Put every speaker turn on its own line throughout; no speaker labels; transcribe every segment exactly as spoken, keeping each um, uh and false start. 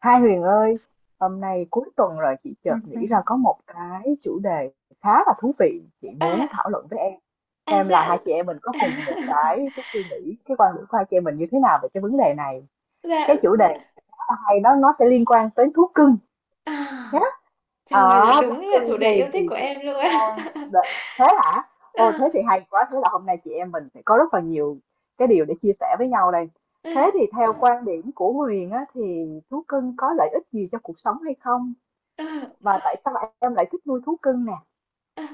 Hai Huyền ơi, hôm nay cuối tuần rồi chị chợt nghĩ ra có một cái chủ đề khá là thú vị chị muốn
à,
thảo luận với em.
à
Xem là
dạ.
hai chị em mình có cùng một cái cái suy nghĩ, cái quan điểm của hai chị em mình như thế nào về cái vấn đề này.
Dạ
Cái chủ đề
dạ.
khá là hay đó nó sẽ liên quan tới thú cưng
à,
nhé.
Trời ơi,
Ở Bắc
đúng là
Cưng
chủ
thì
đề yêu
thì
thích của
thì
em
chị
luôn!
đang đợi- thế hả? Ô, thế
À,
thì hay quá, thế là hôm nay chị em mình sẽ có rất là nhiều cái điều để chia sẻ với nhau đây. Thế
à,
thì theo quan điểm của Huyền á thì thú cưng có lợi ích gì cho cuộc sống hay không?
à,
Và tại sao em lại thích nuôi thú cưng nè?
à.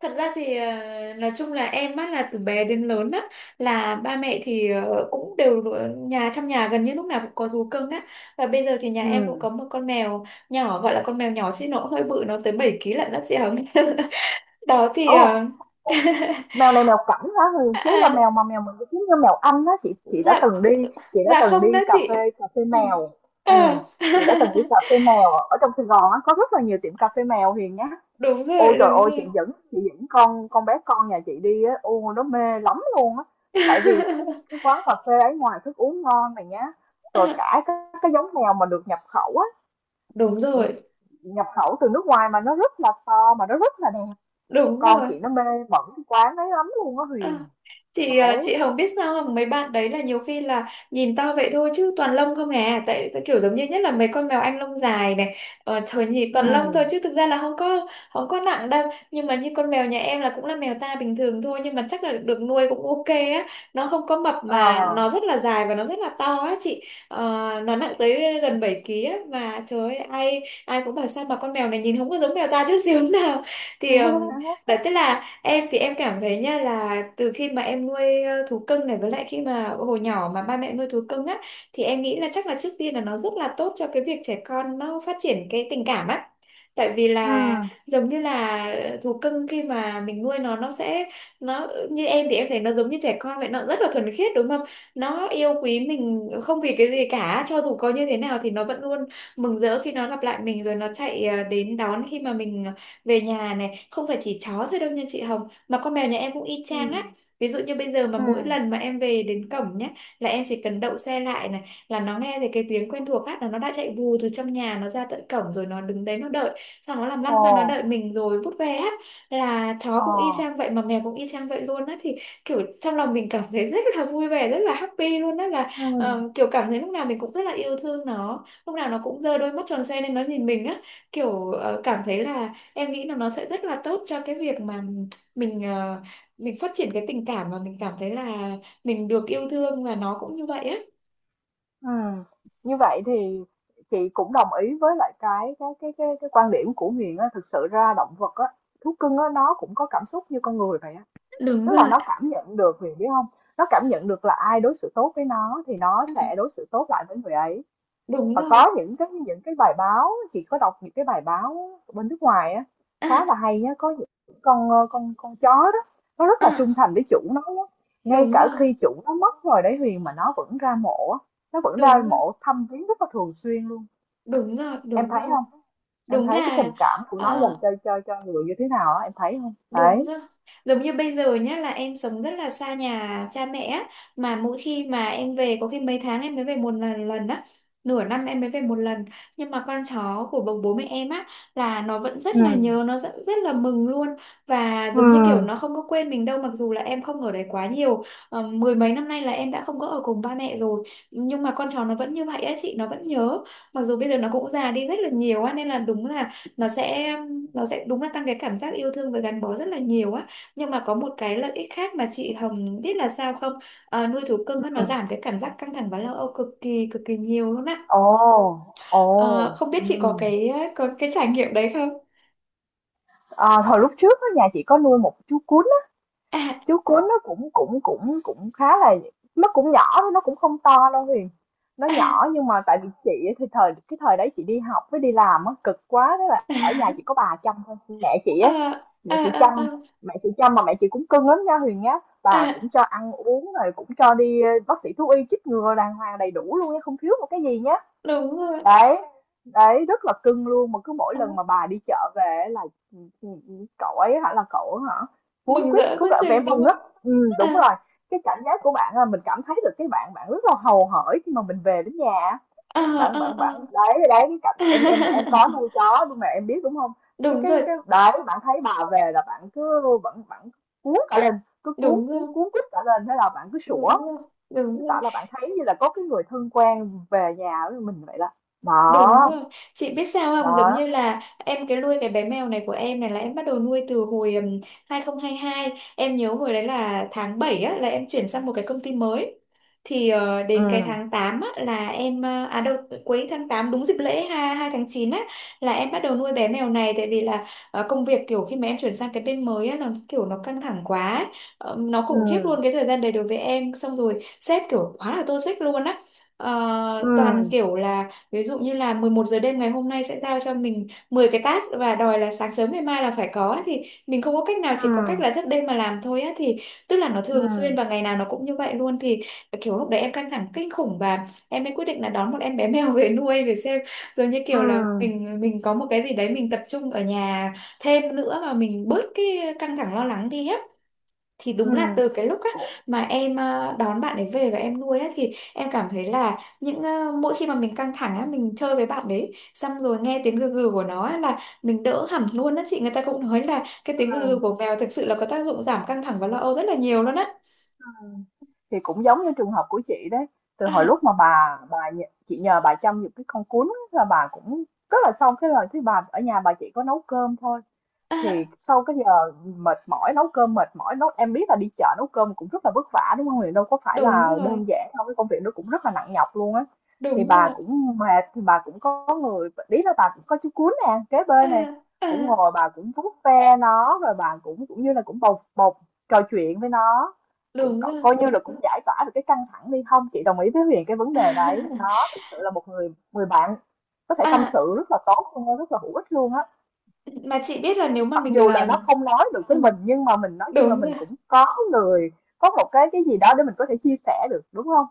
Thật ra thì ờ, nói chung là em á, là từ bé đến lớn á, là ba mẹ thì ờ, cũng đều ở nhà, trong nhà gần như lúc nào cũng có thú cưng á, và bây giờ thì nhà em cũng
Ừ.
có một con mèo nhỏ. Gọi là con mèo nhỏ chứ nó cũng hơi bự, nó tới bảy ký lận đó chị Hồng. Đó thì
Ồ,
ờ,
mèo này mèo cảnh hả Huyền? Thế là mèo mà mèo mình cứ kiếm như mèo Anh á, chị chị đã
dạ
từng đi, chị đã
dạ,
từng
không đó
đi cà
chị.
phê cà phê
Ừ.
mèo.
Ờ.
Ừ. Chị đã từng đi cà phê mèo ở trong Sài Gòn á, có rất là nhiều tiệm cà phê mèo Huyền nhá.
Đúng
Ôi
rồi
trời
đúng
ơi, chị
rồi.
dẫn chị dẫn con con bé con nhà chị đi á, ô nó mê lắm luôn á. Tại vì cái quán cà phê ấy ngoài thức uống ngon này nhá, rồi cả cái, cái giống mèo mà được nhập khẩu á,
Đúng
nhập
rồi
nhập khẩu từ nước ngoài mà nó rất là to mà nó rất là đẹp.
đúng
Con
rồi.
chị nó mê mẩn cái quán ấy lắm luôn á
Ờ,
Huyền.
chị à, chị
Đấy.
Hồng biết sao không, mấy bạn đấy là nhiều khi là nhìn to vậy thôi chứ toàn lông không à, tại tại kiểu giống như, nhất là mấy con mèo Anh lông dài này, ờ, trời, nhìn
Ừ.
toàn lông thôi chứ thực ra là không có không có nặng đâu. Nhưng mà như con mèo nhà em là cũng là mèo ta bình thường thôi, nhưng mà chắc là được nuôi cũng ok á, nó không có mập
Ờ.
mà nó rất là dài và nó rất là to á chị. Ờ, nó nặng tới gần bảy ký á, mà trời ơi, ai ai cũng bảo sao mà con mèo này nhìn không có giống mèo ta chút xíu nào. Thì ừm, đấy, tức là em thì em cảm thấy nha, là từ khi mà em nuôi ờ, thú cưng này, với lại khi mà hồi nhỏ mà ba mẹ nuôi thú cưng á, thì em nghĩ là chắc là trước tiên là nó rất là tốt cho cái việc trẻ con nó phát triển cái tình cảm á. Tại vì
Ừ.
là giống như là thú cưng khi mà mình nuôi nó nó sẽ, nó như em thì em thấy nó giống như trẻ con vậy, nó rất là thuần khiết đúng không? Nó yêu quý mình không vì cái gì cả, cho dù có như thế nào thì nó vẫn luôn mừng rỡ khi nó gặp lại mình, rồi nó chạy ờ, đến đón khi mà mình về nhà này, không phải chỉ chó thôi đâu nha chị Hồng, mà con mèo nhà em cũng y chang á.
Ừ.
Ví dụ như bây giờ mà
Ừ.
mỗi lần mà em về đến cổng nhá, là em chỉ cần đậu xe lại này, là nó nghe thấy cái tiếng quen thuộc á, là nó đã chạy vù từ trong nhà nó ra tận cổng, rồi nó đứng đấy nó đợi, xong nó làm
Ồ.
lăn ra nó đợi mình rồi vút về á, là chó
Ờ.
cũng y chang vậy mà mèo cũng y chang vậy luôn á. Thì kiểu trong lòng mình cảm thấy rất là vui vẻ, rất là happy luôn á, là
Ừ.
ờ, kiểu cảm thấy lúc nào mình cũng rất là yêu thương nó, lúc nào nó cũng giơ đôi mắt tròn xoe lên nó nhìn mình á, kiểu ờ, cảm thấy là em nghĩ là nó sẽ rất là tốt cho cái việc mà mình ờ, mình phát triển cái tình cảm, mà mình cảm thấy là mình được yêu thương và nó cũng như vậy á.
Ừ. Như vậy thì chị cũng đồng ý với lại cái cái cái cái, cái quan điểm của Huyền á, thực sự ra động vật á, thú cưng á nó cũng có cảm xúc như con người vậy á.
Đúng
Tức là
rồi.
nó cảm nhận được Huyền biết không? Nó cảm nhận được là ai đối xử tốt với nó thì nó
Ừ,
sẽ đối xử tốt lại với người ấy,
đúng
và
rồi.
có những cái những cái bài báo, chị có đọc những cái bài báo bên nước ngoài á, khá là
à,
hay á, có những con ờ, con con chó đó nó rất là
à,
trung thành với chủ nó á, ngay
Đúng
cả
rồi
khi chủ nó mất rồi đấy Huyền, mà nó vẫn ra mộ á, nó vẫn
đúng
ra
rồi.
mộ thăm viếng rất là thường xuyên luôn.
Đúng rồi
Em
đúng
thấy
rồi.
không? Em
Đúng
thấy cái
là.
tình cảm của nó
à,
dành cho cho cho người như thế nào á, em thấy không
Đúng
đấy.
rồi. Giống như bây giờ nhá, là em sống rất là xa nhà cha mẹ á, mà mỗi khi mà em về có khi mấy tháng em mới về một lần lần á, nửa năm em mới về một lần. Nhưng mà con chó của bố bố mẹ em á, là nó vẫn rất là nhớ,
Ừ,
nó rất, rất là mừng luôn. Và
ừ.
giống như kiểu nó không có quên mình đâu, mặc dù là em không ở đấy quá nhiều. Ờ, mười mấy năm nay là em đã không có ở cùng ba mẹ rồi, nhưng mà con chó nó vẫn như vậy á chị, nó vẫn nhớ. Mặc dù bây giờ nó cũng già đi rất là nhiều á, nên là đúng là nó sẽ nó sẽ đúng là tăng cái cảm giác yêu thương và gắn bó rất là nhiều á. Nhưng mà có một cái lợi ích khác mà chị Hồng biết là sao không? Ờ, nuôi thú cưng á, nó giảm cái cảm giác căng thẳng và lo âu cực kỳ cực kỳ nhiều luôn á.
Ồ, ồ.
Ờ, không biết
Ừ.
chị có cái, có cái trải nghiệm đấy không?
À, hồi lúc trước á, nhà chị có nuôi một chú cún,
à,
chú cuốn nó cũng cũng cũng cũng khá là, nó cũng nhỏ thôi, nó cũng không to đâu Huyền, nó
à,
nhỏ nhưng mà tại vì chị thì thời cái thời đấy chị đi học với đi làm á, cực quá thế là ở nhà chỉ có bà chăm thôi, mẹ chị
à,
á,
à,
mẹ chị
à, à,
chăm,
à,
mẹ chị chăm mà mẹ chị cũng cưng lắm nha Huyền nhá, bà
à,
cũng cho ăn uống rồi cũng cho đi ờ, bác sĩ thú y chích ngừa đàng hoàng đầy đủ luôn nha, không thiếu một cái gì nhá.
Đúng rồi.
Đấy, đấy rất là cưng luôn, mà cứ mỗi
à,
lần mà bà đi chợ về là ừ, ừ, ừ, cậu ấy hả là cậu ấy hả, cuốn
Mừng
quýt
rỡ
cứ
quá
cả vẻ
chừng đúng
mừng á.
không?
Ừ, đúng
à,
rồi. Cái cảm giác của bạn là mình cảm thấy được cái bạn bạn rất là hầu hởi khi mà mình về đến nhà á.
à,
Bạn
à,
bạn bạn
à.
đấy, đấy cái cảm, em em em có nuôi chó nhưng mà em biết đúng không. cái
Đúng
cái
rồi
cái đấy bạn thấy bà về là bạn cứ bạn bạn cuốn cả lên, cứ cuốn
đúng
cuốn
rồi.
cuốn quýt cả lên, thế là bạn cứ sủa.
Đúng rồi đúng
Chứng tỏ
rồi.
là bạn thấy như là có cái người thân quen về nhà với mình vậy đó.
Đúng
Đó,
rồi. Chị biết sao không? Giống
đó.
như là em cái nuôi cái bé mèo này của em này, là em bắt đầu nuôi từ hồi ừm, hai không hai hai. Em nhớ hồi đấy là tháng bảy á, là em chuyển sang một cái công ty mới. Thì ờ, đến cái
Ừm,
tháng tám á, là em ờ, à đâu, cuối tháng tám đúng dịp lễ hai hai tháng chín á, là em bắt đầu nuôi bé mèo này, tại vì là ờ, công việc kiểu khi mà em chuyển sang cái bên mới á, nó kiểu nó căng thẳng quá ấy. Ờ, nó khủng khiếp
ừm,
luôn cái thời gian đấy đối với em, xong rồi sếp kiểu quá là toxic luôn á. Ờ,
ừm,
toàn kiểu là ví dụ như là mười một giờ đêm ngày hôm nay sẽ giao cho mình mười cái task và đòi là sáng sớm ngày mai là phải có á, thì mình không có cách nào, chỉ có cách là
ừm,
thức đêm mà làm thôi á. Thì tức là nó thường xuyên
ừm,
và ngày nào nó cũng như vậy luôn. Thì kiểu lúc đấy em căng thẳng kinh khủng và em mới quyết định là đón một em bé mèo về nuôi, để xem rồi như kiểu là
ừm,
mình mình có một cái gì đấy mình tập trung ở nhà thêm nữa và mình bớt cái căng thẳng lo lắng đi á. Thì đúng là
ừm.
từ cái lúc á,
Cũng
mà em ờ, đón bạn ấy về và em nuôi á, thì em cảm thấy là những ờ, mỗi khi mà mình căng thẳng á, mình chơi với bạn đấy, xong rồi nghe tiếng gừ gừ của nó á, là mình đỡ hẳn luôn á chị. Người ta cũng nói là cái tiếng gừ gừ
ừm,
của mèo thực sự là có tác dụng giảm căng thẳng và lo âu rất là nhiều luôn á.
ừm. Thì cũng giống như trường hợp của chị đấy, từ hồi
à,
lúc mà bà bà nh chị nhờ bà chăm giùm cái con cún là bà cũng rất là, xong cái lời thấy bà ở nhà bà chỉ có nấu cơm thôi.
à,
Thì sau cái giờ mệt mỏi nấu cơm mệt mỏi nấu, em biết là đi chợ nấu cơm cũng rất là vất vả đúng không Huyền, đâu có phải
Đúng
là
rồi
đơn giản đâu, cái công việc nó cũng rất là nặng nhọc luôn á. Thì
đúng rồi.
bà cũng mệt, thì bà cũng có người ý là bà cũng có chú cún nè kế
à,
bên nè, cũng
à,
ngồi bà cũng vuốt ve nó, rồi bà cũng cũng như là cũng bộc bộc trò chuyện với nó, cũng
Đúng
co-
rồi.
coi như là cũng giải tỏa được cái căng thẳng đi, không chị đồng ý với Huyền cái vấn đề đấy nó thực sự là một người người bạn có thể tâm
à,
sự rất là tốt luôn á, rất là hữu ích luôn á.
mà chị biết là nếu mà
Mặc
mình
dù là nó
làm,
không nói được với
ừ,
mình nhưng mà mình nói chung là
đúng rồi.
mình cũng có người, có một cái cái gì đó để mình có thể chia sẻ được đúng không,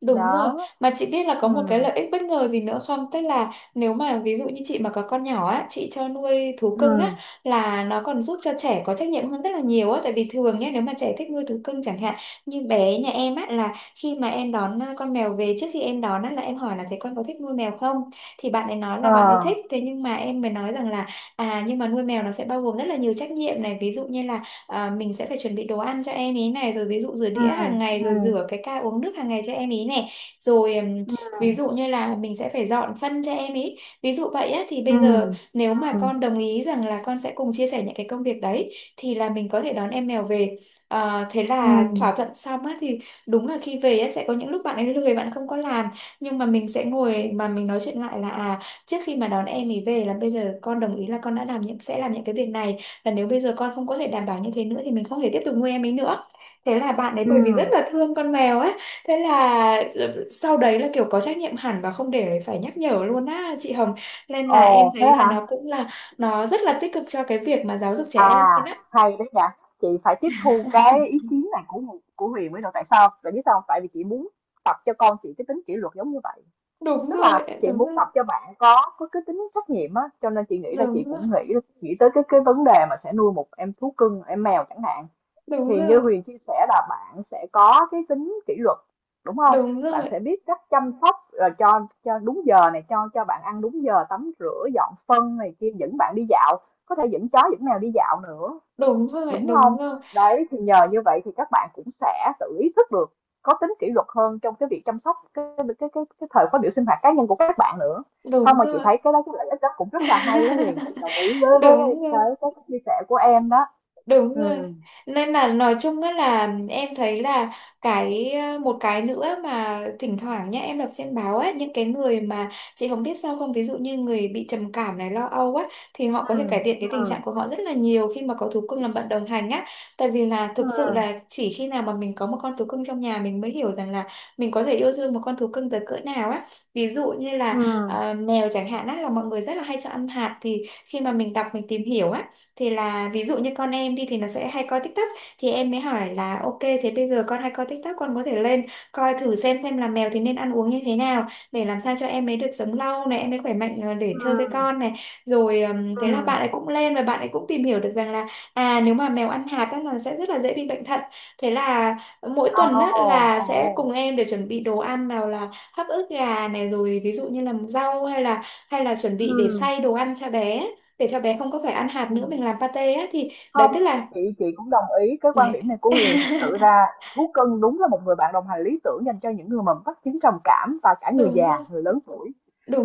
Đúng rồi,
đó.
mà chị biết là có
Ừ.
một cái lợi ích bất ngờ gì nữa không? Tức là nếu mà ví dụ như chị mà có con nhỏ á, chị cho nuôi thú
Ừ.
cưng á, là nó còn giúp cho trẻ có trách nhiệm hơn rất là nhiều á, tại vì thường nhé, nếu mà trẻ thích nuôi thú cưng chẳng hạn, như bé nhà em á, là khi mà em đón à, con mèo về, trước khi em đón á là em hỏi là thế con có thích nuôi mèo không? Thì bạn ấy nói là
Ờ.
bạn ấy thích, thế nhưng mà em mới nói rằng là, à nhưng mà nuôi mèo nó sẽ bao gồm rất là nhiều trách nhiệm này, ví dụ như là à, mình sẽ phải chuẩn bị đồ ăn cho em ý này, rồi ví dụ rửa
Ừ.
đĩa hàng ngày, rồi
Ừ.
rửa cái ca uống nước hàng ngày cho em ý này, rồi ừm,
Ừ.
ví dụ như là mình sẽ phải dọn phân cho em ý, ví dụ vậy á. Thì bây
Ừ.
giờ nếu mà con đồng ý rằng là con sẽ cùng chia sẻ những cái công việc đấy thì là mình có thể đón em mèo về. Ờ, thế
Ừ.
là thỏa thuận xong á. Thì đúng là khi về á sẽ có những lúc bạn ấy lười, bạn không có làm, nhưng mà mình sẽ ngồi mà mình nói chuyện lại là, à, trước khi mà đón em ấy về là bây giờ con đồng ý là con đã làm những sẽ làm những cái việc này, và nếu bây giờ con không có thể đảm bảo như thế nữa thì mình không thể tiếp tục nuôi em ấy nữa. Thế là bạn ấy,
Ừ.
bởi vì rất là thương con mèo ấy, thế là sau đấy là kiểu có trách nhiệm hẳn và không để phải nhắc nhở luôn á chị Hồng. Nên là em
Ồ, thế
thấy là
hả?
nó cũng là, nó rất là tích cực cho cái việc mà giáo dục trẻ em
À,
lên á.
hay đấy nhỉ. Chị phải tiếp thu cái ý kiến này của của Huyền mới được, tại sao tại biết sao không? Tại vì chị muốn tập cho con chị cái tính kỷ luật giống như vậy.
Đúng
Tức
rồi
là chị
đúng
muốn
rồi.
tập cho bạn có có cái tính trách nhiệm á, cho nên chị nghĩ là chị
Đúng rồi
cũng nghĩ, nghĩ tới cái cái vấn đề mà sẽ nuôi một em thú cưng, em mèo chẳng hạn.
đúng
Thì như
rồi.
Huyền chia sẻ là bạn sẽ có cái tính kỷ luật, đúng không?
Đúng
Bạn
rồi
sẽ biết cách chăm sóc ờ, cho cho đúng giờ này, cho cho bạn ăn đúng giờ, tắm rửa, dọn phân này kia, dẫn bạn đi dạo, có thể dẫn chó dẫn mèo đi dạo nữa,
đúng rồi.
đúng
Đúng
không?
rồi
Đấy, thì nhờ như vậy thì các bạn cũng sẽ tự ý thức được, có tính kỷ luật hơn trong cái việc chăm sóc cái cái cái cái thời khóa biểu sinh hoạt cá nhân của các bạn nữa. Không,
đúng
mà chị
rồi.
thấy cái đó cái lợi ích đó cũng rất là hay đó Huyền, chị đồng ý với với với
Đúng rồi.
cái cái chia sẻ của em đó.
Đúng rồi.
Ừ.
Nên là nói chung á là em thấy là cái ờ, một cái nữa mà thỉnh thoảng nhá em đọc trên báo á, những cái người mà chị không biết sao không, ví dụ như người bị trầm cảm này, lo âu á, thì họ có
Ừ.
thể cải thiện cái tình trạng
Ừ.
của họ rất là nhiều khi mà có thú cưng làm bạn đồng hành á. Tại vì là thực sự
Ừ.
là chỉ khi nào mà mình có một con thú cưng trong nhà mình mới hiểu rằng là mình có thể yêu thương một con thú cưng tới cỡ nào á. Ví dụ như
Ừ.
là à, mèo chẳng hạn á, là mọi người rất là hay cho ăn hạt, thì khi mà mình đọc mình tìm hiểu á, thì là ví dụ như con em đi thì nó sẽ hay coi TikTok, thì em mới hỏi là ok thế bây giờ con hay coi TikTok, con có thể lên coi thử xem xem là mèo thì nên ăn uống như thế nào, để làm sao cho em ấy được sống lâu này, em ấy khỏe mạnh ờ, để chơi với
Ừ.
con này. Rồi ừm, thế là bạn
Ừm.
ấy cũng lên và bạn ấy cũng tìm hiểu được rằng là à nếu mà mèo ăn hạt á, là sẽ rất là dễ bị bệnh thận. Thế là mỗi tuần á,
Ồ,
là sẽ cùng
ồ.
em để chuẩn bị đồ ăn, nào là hấp ức gà này, rồi ví dụ như là rau, hay là hay là chuẩn
Ừ.
bị để xay đồ ăn cho bé, để cho bé không có phải ăn hạt nữa,
Ừm.
mình làm pate á, thì đấy
Không,
tức là
chị chị cũng đồng ý cái quan
đấy.
điểm này của Huyền. Thực sự ra Thú Cưng đúng là một người bạn đồng hành lý tưởng dành cho những người mà mắc chứng trầm cảm và cả người
Đúng
già,
rồi,
người lớn tuổi.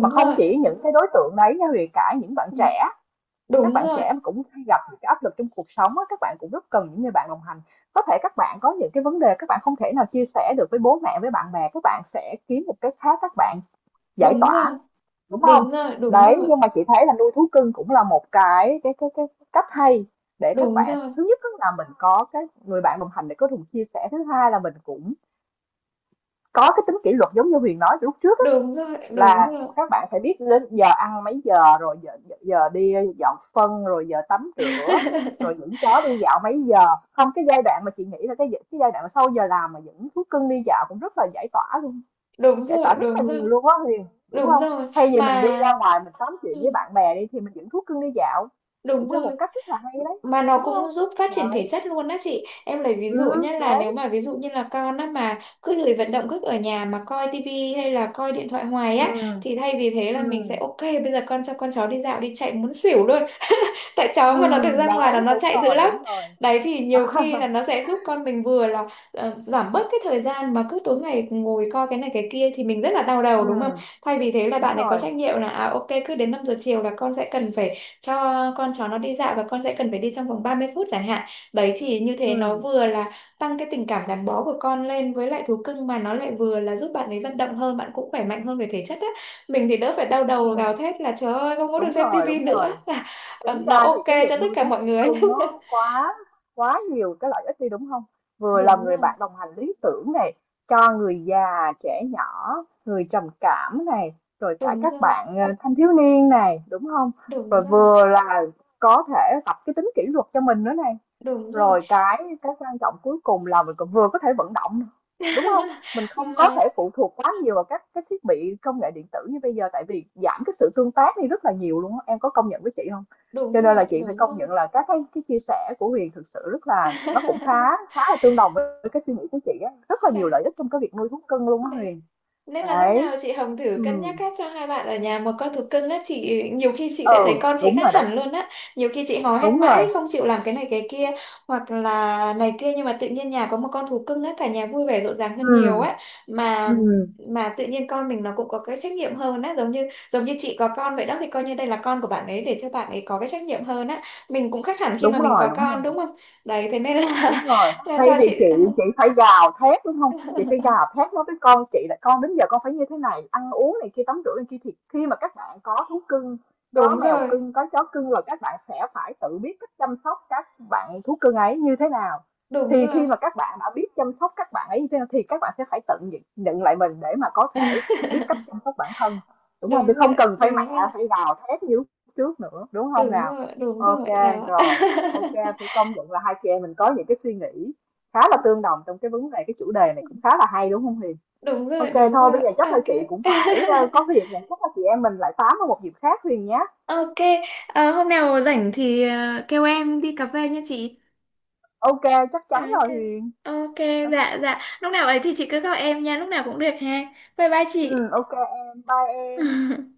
Mà không
rồi.
chỉ những cái đối tượng đấy nha Huyền, cả những bạn
Ừ,
trẻ, các
đúng
bạn
rồi,
trẻ mà cũng hay gặp những cái áp lực trong cuộc sống á, các bạn cũng rất cần những người bạn đồng hành. Có thể các bạn có những cái vấn đề các bạn không thể nào chia sẻ được với bố mẹ, với bạn bè, các bạn sẽ kiếm một cái khác, các bạn giải
đúng
tỏa,
rồi,
đúng không?
đúng rồi, đúng
Đấy,
rồi,
nhưng mà chị thấy là nuôi thú cưng cũng là một cái cái cái cái cách hay để các
đúng
bạn,
rồi,
thứ nhất á là mình có cái người bạn đồng hành để có cùng chia sẻ, thứ hai là mình cũng có cái tính kỷ luật giống như Huyền nói từ lúc trước á,
đúng rồi, đúng
là
rồi,
các bạn phải biết đến giờ ăn mấy giờ rồi, giờ, giờ đi dọn phân rồi giờ tắm rửa rồi những chó đi dạo mấy giờ, không cái giai đoạn mà chị nghĩ là cái cái giai đoạn mà sau giờ làm mà những thú cưng đi dạo cũng rất là giải tỏa luôn,
đúng
giải tỏa
rồi,
rất là
đúng rồi,
nhiều luôn á Huyền đúng
đúng
không,
rồi
thay vì mình
mà.
đi ra ngoài mình tám chuyện
Ừ,
với bạn bè đi thì mình dẫn thuốc cưng đi dạo
đúng
cũng là
rồi
một cách rất là hay đấy,
mà nó
đúng không?
cũng giúp phát triển thể
Đấy.
chất luôn á chị. Em lấy ví
Ừ.
dụ nhé, là
Đấy.
nếu mà ví dụ như là con á mà cứ lười vận động, cứ ở nhà mà coi tivi hay là coi điện thoại hoài á,
Ừ.
thì thay vì thế là mình sẽ
Ừ.
ok bây giờ con cho con cháu đi dạo đi, chạy muốn xỉu luôn. Tại cháu
Ừ.
mà nó được ra ngoài là
Đấy.
nó
Đúng
chạy dữ
rồi.
lắm.
Đúng rồi.
Đấy thì nhiều khi là nó sẽ giúp con mình vừa là ờ, giảm bớt cái thời gian mà cứ tối ngày ngồi coi cái này cái kia, thì mình rất là đau
Ừ.
đầu đúng không. Thay vì thế là
Đúng
bạn ấy có
rồi.
trách nhiệm là à ok cứ đến năm giờ chiều là con sẽ cần phải cho con cháu nó đi dạo, và con sẽ cần phải đi trong vòng ba mươi phút chẳng hạn. Đấy thì như thế nó
Ừ.
vừa là tăng cái tình cảm gắn bó của con lên với lại thú cưng, mà nó lại vừa là giúp bạn ấy vận động hơn, bạn cũng khỏe mạnh hơn về thể chất á. Mình thì đỡ phải đau đầu
Ừ.
gào thét là trời ơi không có được
Đúng
xem
rồi.
tivi
Đúng
nữa.
rồi.
Ờ,
Tính
nó
ra thì
ok
cái
cho
việc
tất
nuôi
cả
thú
mọi người.
cưng nó quá, quá nhiều cái lợi ích đi, đúng không? Vừa là
Đúng
người
rồi,
bạn đồng hành lý tưởng này, cho người già, trẻ nhỏ, người trầm cảm này, rồi cả
đúng rồi,
các bạn, ờ, thanh thiếu niên này, đúng không?
đúng
Rồi
rồi,
vừa là có thể tập cái tính kỷ luật cho mình nữa này.
đúng rồi.
Rồi cái cái quan trọng cuối cùng là mình còn vừa có thể vận động, nè, đúng không? Mình không có
Mà
thể phụ thuộc quá nhiều vào các cái thiết bị công nghệ điện tử như bây giờ, tại vì giảm cái sự tương tác đi rất là nhiều luôn á, em có công nhận với chị không?
đúng
Cho nên là
rồi,
chị phải
đúng
công
rồi.
nhận là các cái cái chia sẻ của Huyền thực sự rất là, nó cũng khá khá là tương đồng với cái suy nghĩ của chị á, rất là nhiều
Đấy,
lợi ích trong cái việc nuôi thú cưng luôn á
đấy.
Huyền.
Nên là lúc
Đấy.
nào chị Hồng thử
Ừ.
cân nhắc á, cho hai bạn ở nhà một con thú cưng á, chị nhiều khi chị sẽ
Ừ,
thấy con chị
đúng rồi
khác
đấy.
hẳn luôn á. Nhiều khi chị hò hét
Đúng rồi.
mãi không chịu làm cái này cái kia, hoặc là này kia, nhưng mà tự nhiên nhà có một con thú cưng á, cả nhà vui vẻ rộn ràng hơn nhiều
Ừ.
á. Mà
Ừ.
mà tự nhiên con mình nó cũng có cái trách nhiệm hơn á, giống như giống như chị có con vậy đó, thì coi như đây là con của bạn ấy, để cho bạn ấy có cái trách nhiệm hơn á. Mình cũng khác hẳn khi
Đúng
mà mình
rồi.
có
Đúng.
con đúng không? Đấy thế nên
Đúng
là
rồi,
là
thay
cho
vì
chị.
chị chị phải gào thét đúng không, chị phải gào thét nói với con chị là con đến giờ con phải như thế này ăn uống này kia tắm rửa này kia thì khi mà các bạn có thú cưng, có
Đúng
mèo
rồi,
cưng có chó cưng rồi các bạn sẽ phải tự biết cách chăm sóc các bạn thú cưng ấy như thế nào,
đúng
thì
rồi,
khi mà các bạn đã biết chăm sóc các bạn ấy như thế nào thì các bạn sẽ phải tự nhận lại mình để mà có thể biết cách chăm sóc bản thân, đúng không, thì
đúng rồi,
không cần phải
đúng
mẹ
rồi.
phải gào thét như trước nữa, đúng không
Đúng
nào.
rồi, đúng
OK,
rồi đó.
rồi. OK, phải công nhận là hai chị em mình có những cái suy nghĩ khá là tương đồng trong cái vấn đề cái chủ đề này cũng khá là hay đúng không Huyền?
Đúng rồi,
OK
đúng
thôi bây
rồi,
giờ chắc là
ok.
chị cũng phải ờ, có việc rồi, chắc là chị em mình lại tám vào một dịp khác Huyền nhé.
Ok. Ờ, hôm nào rảnh thì ờ, kêu em đi cà phê nha chị.
OK chắc chắn
Ok,
rồi Huyền.
ok.
Ờ.
Dạ dạ, lúc nào ấy thì chị cứ gọi em nha, lúc nào cũng được ha. Bye bye
Ừ
chị.
OK em, bye em.